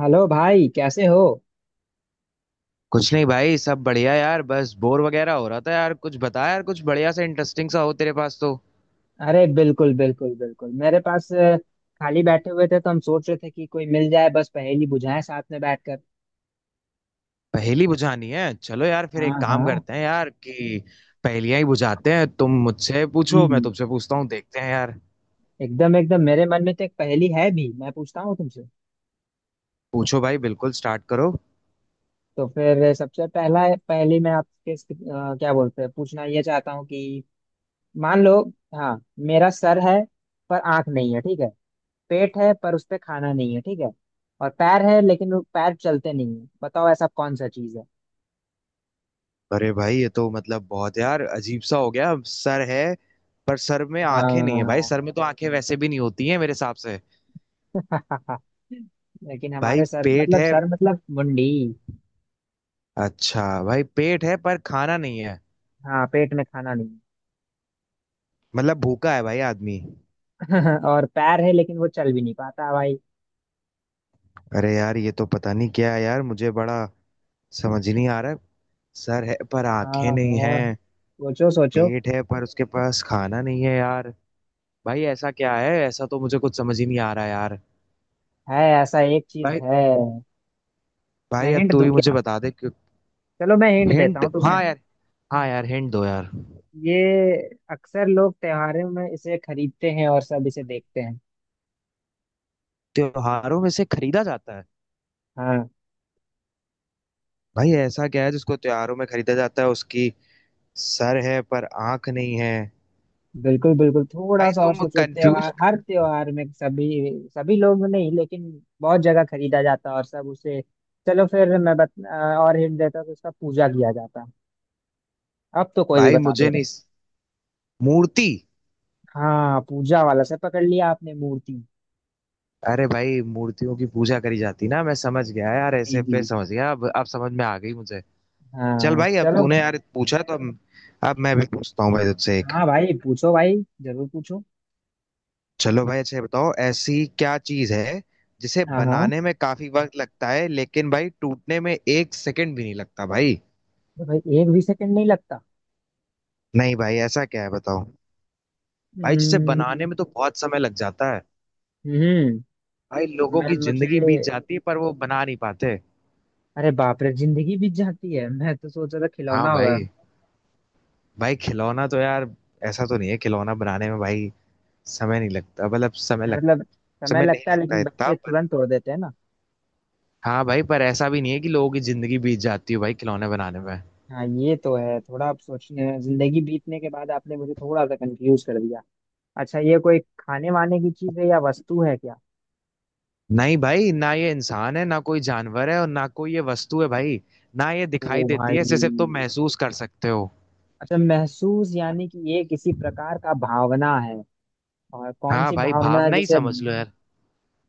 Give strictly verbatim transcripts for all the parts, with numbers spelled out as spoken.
Hello भाई, कैसे हो। कुछ नहीं भाई, सब बढ़िया यार। बस बोर वगैरह हो रहा था यार। कुछ बता यार, कुछ बढ़िया सा इंटरेस्टिंग सा हो तेरे पास तो। अरे बिल्कुल बिल्कुल बिल्कुल मेरे पास अ, खाली बैठे हुए थे तो हम सोच रहे थे कि कोई मिल जाए, बस पहेली बुझाएं साथ में बैठकर। पहेली बुझानी है? चलो यार, फिर हाँ एक काम हाँ। करते हैं यार कि पहेलियां ही बुझाते हैं। तुम मुझसे पूछो, मैं जी। तुमसे पूछता हूँ, देखते हैं यार। एकदम एकदम मेरे मन में तो एक पहेली है भी, मैं पूछता हूँ तुमसे। पूछो भाई, बिल्कुल स्टार्ट करो। तो फिर सबसे पहला पहेली मैं आपके अ, क्या बोलते हैं, पूछना ये चाहता हूँ कि मान लो। हाँ। मेरा सर है पर आंख नहीं है, ठीक है। पेट है पर उस पे खाना नहीं है, ठीक है। और पैर है लेकिन वो पैर चलते नहीं है। बताओ ऐसा कौन सा चीज है। अरे भाई, ये तो मतलब बहुत यार अजीब सा हो गया। सर है पर सर में आंखें नहीं है भाई, हाँ। सर में तो आंखें वैसे भी नहीं होती हैं मेरे हिसाब से। लेकिन भाई हमारे सर पेट मतलब है? सर मतलब मुंडी। अच्छा भाई, पेट है पर खाना नहीं है हाँ, पेट में खाना नहीं। मतलब भूखा है भाई आदमी। और पैर है लेकिन वो चल भी नहीं पाता भाई। अरे यार, ये तो पता नहीं क्या है यार, मुझे बड़ा समझ नहीं आ रहा है। सर है पर हाँ आंखें नहीं हाँ, हैं, सोचो सोचो। पेट है पर उसके पास खाना नहीं है यार। भाई ऐसा क्या है? ऐसा तो मुझे कुछ समझ ही नहीं आ रहा यार। है, ऐसा एक चीज भाई है। मैं भाई अब हिंट तू दूं ही मुझे क्या? बता दे क्यों। चलो मैं हिंट देता हिंट, हूँ तुम्हें। हाँ यार। हाँ यार, हिंट दो यार। ये अक्सर लोग त्योहारों में इसे खरीदते हैं और सब इसे देखते हैं। त्योहारों में से खरीदा जाता है? हाँ। भाई ऐसा क्या है जिसको त्योहारों में खरीदा जाता है, उसकी सर है पर आंख नहीं है। बिल्कुल बिल्कुल थोड़ा भाई सा और तुम सोचो। त्योहार, कंफ्यूज। हर त्योहार में सभी सभी लोग नहीं लेकिन बहुत जगह खरीदा जाता है और सब उसे। चलो फिर मैं बत, अ, और हिंट देता हूँ कि उसका पूजा किया जाता है। अब तो कोई भी भाई बता मुझे देगा। नहीं। मूर्ति। हाँ, पूजा वाला से पकड़ लिया आपने, मूर्ति। अरे भाई, मूर्तियों की पूजा करी जाती ना, मैं समझ गया यार, जी ऐसे पे जी। समझ गया। अब अब समझ में आ गई मुझे। चल हाँ भाई, अब चलो। तूने यार पूछा तो अब अब मैं भी पूछता हूँ भाई तुझसे एक। हाँ भाई पूछो भाई, जरूर पूछो। चलो भाई, अच्छा ये बताओ ऐसी क्या चीज है जिसे हाँ हाँ, बनाने में काफी वक्त लगता है लेकिन भाई टूटने में एक सेकंड भी नहीं लगता भाई। अरे भाई एक भी सेकंड नहीं लगता। नहीं भाई, ऐसा क्या है बताओ। भाई जिसे हम्म। बनाने में तो बहुत समय लग जाता है, हम्म, भाई लोगों मैं की जिंदगी बीत मुझे, जाती है पर वो बना नहीं पाते। अरे बाप रे, जिंदगी बीत जाती है, मैं तो सोच रहा था हाँ खिलौना होगा। भाई। भाई खिलौना तो यार ऐसा तो नहीं है, खिलौना बनाने में भाई समय नहीं लगता मतलब समय लग, मतलब समय समय नहीं लगता है लगता लेकिन इतना बच्चे पर। तुरंत तोड़ देते हैं ना। हाँ भाई, पर ऐसा भी नहीं है कि लोगों की जिंदगी बीत जाती है भाई खिलौने बनाने में। हाँ ये तो है, थोड़ा आप सोचने, जिंदगी बीतने के बाद आपने मुझे थोड़ा सा कंफ्यूज कर दिया। अच्छा ये कोई खाने वाने की चीज है या वस्तु है क्या? नहीं भाई, ना ये इंसान है, ना कोई जानवर है, और ना कोई ये वस्तु है भाई। ना ये दिखाई ओ देती है, भाई। इसे सिर्फ तुम महसूस कर सकते हो। अच्छा, महसूस यानी कि ये किसी प्रकार का भावना है। और कौन हाँ सी भाई, भावना है भावना ही जैसे? समझ लो यार।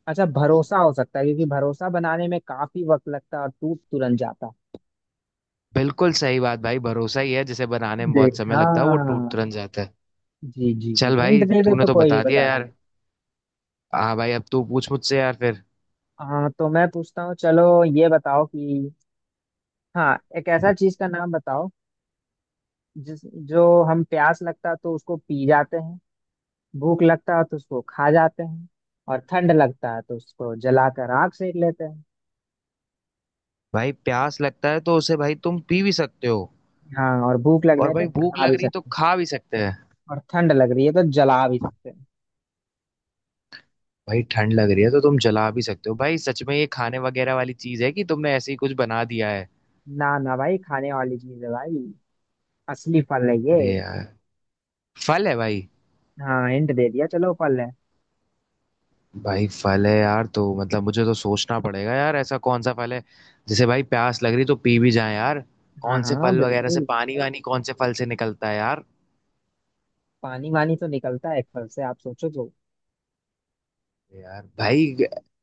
अच्छा, भरोसा हो सकता है क्योंकि भरोसा बनाने में काफी वक्त लगता है और टूट तुरंत जाता। बिल्कुल सही बात भाई, भरोसा ही है जिसे बनाने में बहुत समय देखा। लगता है, वो टूट तुरंत जाता है। जी जी जी, चल हिंट भाई, दे दो तूने तो तो कोई भी बता दिया बता। यार। हाँ भाई, अब तू पूछ मुझसे यार फिर। हाँ तो मैं पूछता हूँ, चलो ये बताओ कि हाँ एक ऐसा चीज का नाम बताओ जिस जो हम प्यास लगता है तो उसको पी जाते हैं, भूख लगता है तो उसको खा जाते हैं, और ठंड लगता है तो उसको जलाकर आग सेक लेते हैं। भाई प्यास लगता है तो उसे भाई तुम पी भी सकते हो, हाँ और भूख और लगने पे भाई भूख खा लग भी रही तो सकते हैं। खा भी सकते हैं, और ठंड लग रही है तो जला भी सकते हैं। भाई ठंड लग रही है तो तुम जला भी सकते हो भाई। सच में ये खाने वगैरह वाली चीज है कि तुमने ऐसे ही कुछ बना दिया है? ना ना भाई, खाने वाली चीज है भाई, असली फल है ये। अरे यार, फल है भाई? हाँ हिंट दे दिया, चलो फल है। भाई फल है यार तो मतलब मुझे तो सोचना पड़ेगा यार, ऐसा कौन सा फल है? जैसे भाई प्यास लग रही तो पी भी जाए यार, हाँ कौन से हाँ फल वगैरह से बिल्कुल, पानी वानी, कौन से फल से निकलता है यार? पानी वानी तो निकलता है एक फल से, आप सोचो तो। यार भाई,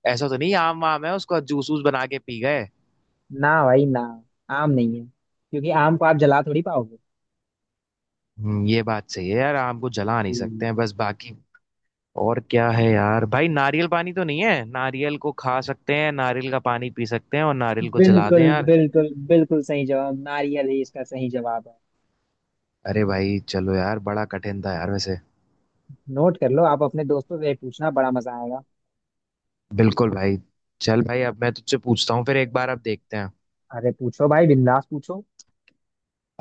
ऐसा तो नहीं आम वाम है, उसको जूस वूस बना के पी गए? ना भाई ना, आम नहीं है क्योंकि आम को आप जला थोड़ी पाओगे। हम्म, ये बात सही है यार, आम को जला नहीं जी। सकते हैं बस बाकी। और क्या है यार? भाई नारियल पानी तो नहीं है? नारियल को खा सकते हैं, नारियल का पानी पी सकते हैं, और नारियल को जला बिल्कुल दें यार। बिल्कुल बिल्कुल सही जवाब, नारियल ही इसका सही जवाब है। अरे भाई, चलो यार, बड़ा कठिन था यार वैसे। नोट कर लो, आप अपने दोस्तों से पूछना बड़ा मजा आएगा। बिल्कुल भाई। चल भाई, अब मैं तुझसे पूछता हूँ फिर एक बार, अब देखते हैं। अरे पूछो भाई, बिंदास पूछो।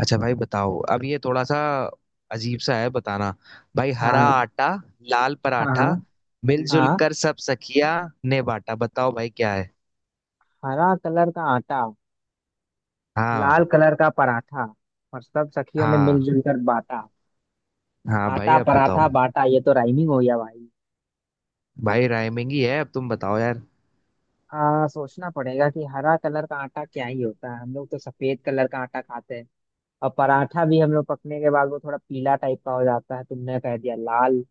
अच्छा भाई बताओ, अब ये थोड़ा सा अजीब सा है बताना। भाई, हरा हाँ आटा लाल हाँ पराठा हाँ मिलजुल हाँ। कर सब सखिया ने बाटा, बताओ भाई क्या है? हरा कलर का आटा, हाँ। लाल कलर का पराठा, और सब सखियों ने हाँ। मिलजुल कर बांटा। हाँ भाई आटा अब पराठा बताओ। बाटा, ये तो राइमिंग हो गया भाई। भाई राइमिंग ही है, अब तुम बताओ यार। आ, सोचना पड़ेगा कि हरा कलर का आटा क्या ही होता है, हम लोग तो सफेद कलर का आटा खाते हैं। और पराठा भी हम लोग पकने के बाद वो थोड़ा पीला टाइप का हो जाता है, तुमने कह दिया लाल।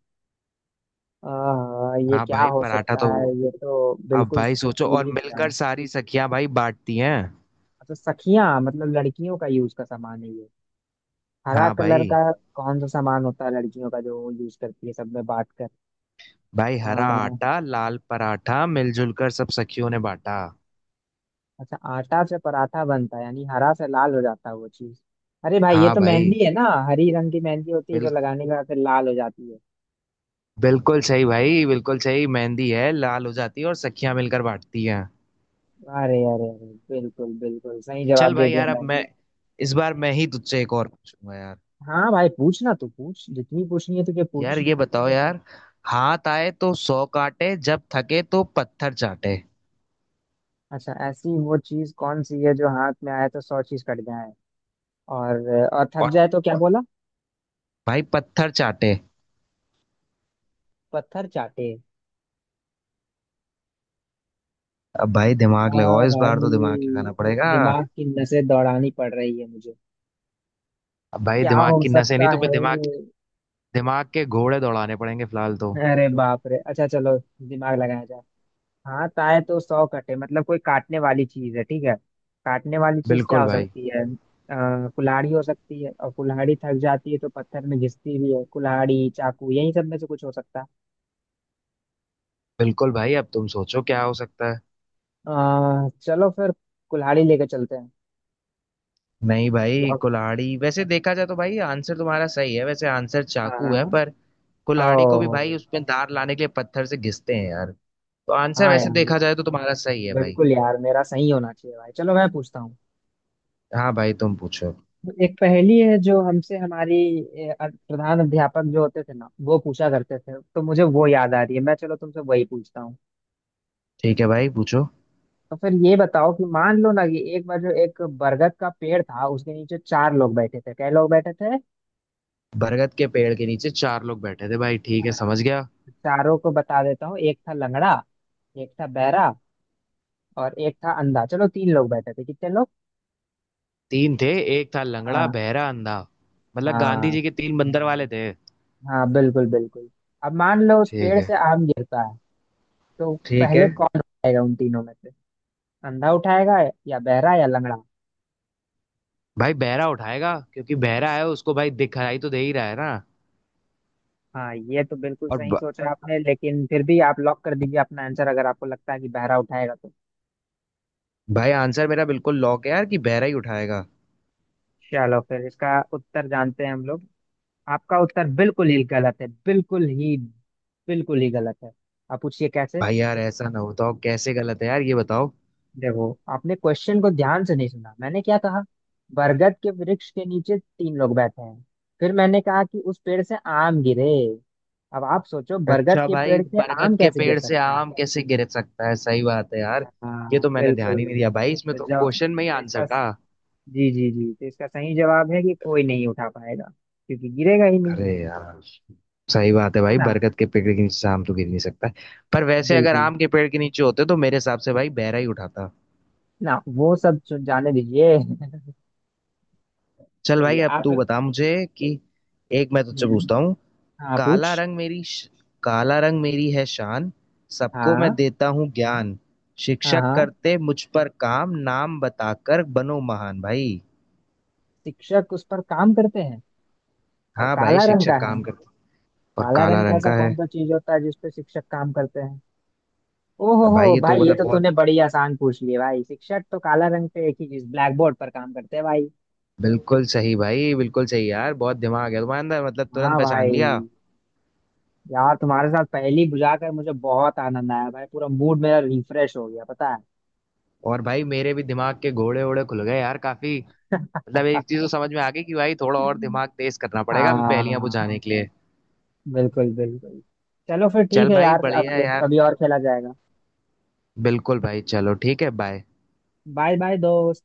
आह, ये हाँ क्या भाई, हो पराठा सकता तो। है, ये तो अब बिल्कुल भाई सोचो, सूझ और ही नहीं रहा मिलकर है। सारी सखियां भाई बांटती हैं। अच्छा, सखियां मतलब लड़कियों का यूज का सामान है ये, हरा हाँ कलर भाई। का। कौन सा सामान होता है लड़कियों का जो यूज करती है सब में बांट कर? भाई, हरा आह, आटा लाल पराठा मिलजुल कर सब सखियों ने बांटा। अच्छा, आटा से पराठा बनता है यानी हरा से लाल हो जाता है वो चीज। अरे भाई, ये हाँ तो भाई। मेहंदी है ना। हरी रंग की मेहंदी होती है जो बिल, लगाने के बाद फिर लाल हो जाती है। बिल्कुल सही भाई, बिल्कुल सही, मेहंदी है, लाल हो जाती है और सखियां मिलकर बांटती हैं। अरे अरे अरे, बिल्कुल बिल्कुल सही जवाब चल दे भाई दिया यार, अब मैंने। मैं इस बार मैं ही तुझसे एक और पूछूंगा यार। हाँ भाई, पूछना तो पूछ, जितनी पूछनी है तुझे यार पूछ। ये बताओ यार, हाथ आए तो सौ काटे, जब थके तो पत्थर चाटे। अच्छा ऐसी वो चीज कौन सी है जो हाथ में आए तो सौ चीज कट जाए, और और थक और जाए तो क्या बोला? भाई पत्थर चाटे। पत्थर चाटे। अब भाई दिमाग लगाओ, हाँ इस बार तो दिमाग लगाना भाई, पड़ेगा। दिमाग की नसें दौड़ानी पड़ रही है मुझे। अब भाई क्या दिमाग हो की नसें नहीं, सकता तो मैं है? दिमाग दिमाग के घोड़े दौड़ाने पड़ेंगे फिलहाल तो। अरे बाप रे, अच्छा चलो, दिमाग लगाया जाए। हाँ, ताए तो सौ कटे मतलब कोई काटने वाली चीज है, ठीक है। काटने वाली चीज क्या बिल्कुल हो भाई, सकती है, आ, कुल्हाड़ी हो सकती है, और कुल्हाड़ी थक जाती है तो पत्थर में घिसती भी है। कुल्हाड़ी, चाकू, यही सब में से कुछ हो सकता है। बिल्कुल भाई, अब तुम सोचो क्या हो सकता है। अ, चलो फिर कुल्हाड़ी लेके चलते हैं। नहीं भाई, लॉक- कुल्हाड़ी वैसे देखा जाए तो भाई आंसर तुम्हारा सही है, वैसे आंसर चाकू हाँ। है पर कुल्हाड़ी को भी भाई ओ उसमें धार लाने के लिए पत्थर से घिसते हैं यार, तो आंसर हाँ वैसे यार, देखा जाए तो तुम्हारा सही है भाई। बिल्कुल यार मेरा सही होना चाहिए भाई, चलो मैं पूछता हूँ। हाँ भाई तुम पूछो। एक पहेली है जो हमसे हमारी ए, अ- प्रधान अध्यापक जो होते थे ना, वो पूछा करते थे, तो मुझे वो याद आ रही है, मैं चलो तुमसे वही पूछता हूँ। ठीक है भाई पूछो। तो फिर ये बताओ कि मान लो ना कि एक बार जो एक बरगद का पेड़ था, उसके नीचे चार लोग बैठे थे। क्या लोग बैठे थे? बरगद के पेड़ के नीचे चार लोग बैठे थे भाई, ठीक है समझ हाँ, गया। चारों को बता देता हूँ, एक था लंगड़ा, एक था बहरा, और एक था अंधा। चलो तीन लोग बैठे थे, कितने लोग। तीन थे, एक था लंगड़ा हाँ बहरा अंधा, मतलब गांधी जी हाँ। के तीन बंदर वाले थे। हाँ बिल्कुल बिल्कुल। अब मान लो उस ठीक पेड़ है। से आम गिरता है, तो ठीक है। पहले कौन उठाएगा उन तीनों में से, अंधा उठाएगा या बहरा या लंगड़ा? भाई बहरा उठाएगा, क्योंकि बहरा है, उसको भाई दिखाई तो दे ही रहा है ना। हाँ ये तो बिल्कुल और सही ब... सोचा आपने, लेकिन फिर भी आप लॉक कर दीजिए अपना आंसर, अगर आपको लगता है कि बहरा उठाएगा तो। भाई आंसर मेरा बिल्कुल लॉक है यार कि बहरा ही उठाएगा। चलो फिर इसका उत्तर जानते हैं हम लोग। आपका उत्तर बिल्कुल ही गलत है, बिल्कुल ही बिल्कुल ही गलत है। आप पूछिए कैसे। भाई यार, ऐसा ना होता हो, कैसे गलत है यार ये बताओ। देखो आपने क्वेश्चन को ध्यान से नहीं सुना, मैंने क्या कहा, बरगद के वृक्ष के नीचे तीन लोग बैठे हैं। फिर मैंने कहा कि उस पेड़ से आम गिरे। अब आप सोचो, बरगद अच्छा के भाई, पेड़ से आम बरगद के कैसे गिर पेड़ से सकते हैं? आम कैसे गिर सकता है, सही बात है यार। ये हाँ तो मैंने ध्यान बिल्कुल। ही नहीं दिया भाई, इसमें तो तो जब क्वेश्चन में ही तो इसका आंसर था। जी जी जी, तो इसका सही जवाब है कि कोई नहीं उठा पाएगा क्योंकि गिरेगा ही नहीं। अरे यार, सही बात है है भाई, ना। बरगद के पेड़ के नीचे से आम तो गिर नहीं सकता है। पर वैसे अगर बिल्कुल। आम के पेड़ के नीचे होते तो मेरे हिसाब से भाई बहरा ही उठाता। ना वो सब जो- जाने दीजिए। चल चलिए भाई, अब आप। तू बता मुझे कि, एक मैं तुझसे हम्म। पूछता हूँ। हाँ काला पूछ। रंग मेरी श- काला रंग मेरी है शान, सबको मैं हाँ देता हूँ ज्ञान, हाँ शिक्षक हाँ, करते मुझ पर काम, नाम बताकर बनो महान भाई। शिक्षक उस पर काम करते हैं और हाँ भाई, काला रंग शिक्षक का है। काम करते और काला काला रंग का रंग ऐसा का कौन है। सा चीज होता है जिस पे शिक्षक काम करते हैं? ओ हो भाई हो ये तो भाई, ये मतलब तो बहुत। तूने बड़ी आसान पूछ ली, भाई शिक्षक तो काला रंग पे एक ही चीज, ब्लैक बोर्ड पर काम करते हैं भाई। बिल्कुल सही भाई, बिल्कुल सही यार, बहुत दिमाग है तुम्हारे अंदर, मतलब हाँ तुरंत भाई, पहचान लिया। यार तुम्हारे साथ पहेली बुझा कर मुझे बहुत आनंद आया भाई, पूरा मूड मेरा रिफ्रेश हो गया, पता है। और भाई मेरे भी दिमाग के घोड़े वोड़े खुल गए यार काफी, मतलब एक चीज तो समझ में आ गई कि भाई थोड़ा और दिमाग तेज करना पड़ेगा अभी पहेलियां हाँ बुझाने के लिए। बिल्कुल बिल्कुल। चलो फिर ठीक चल है भाई, यार, अब बढ़िया है यार। कभी और खेला जाएगा। बिल्कुल भाई, चलो ठीक है, बाय। बाय बाय दोस्त।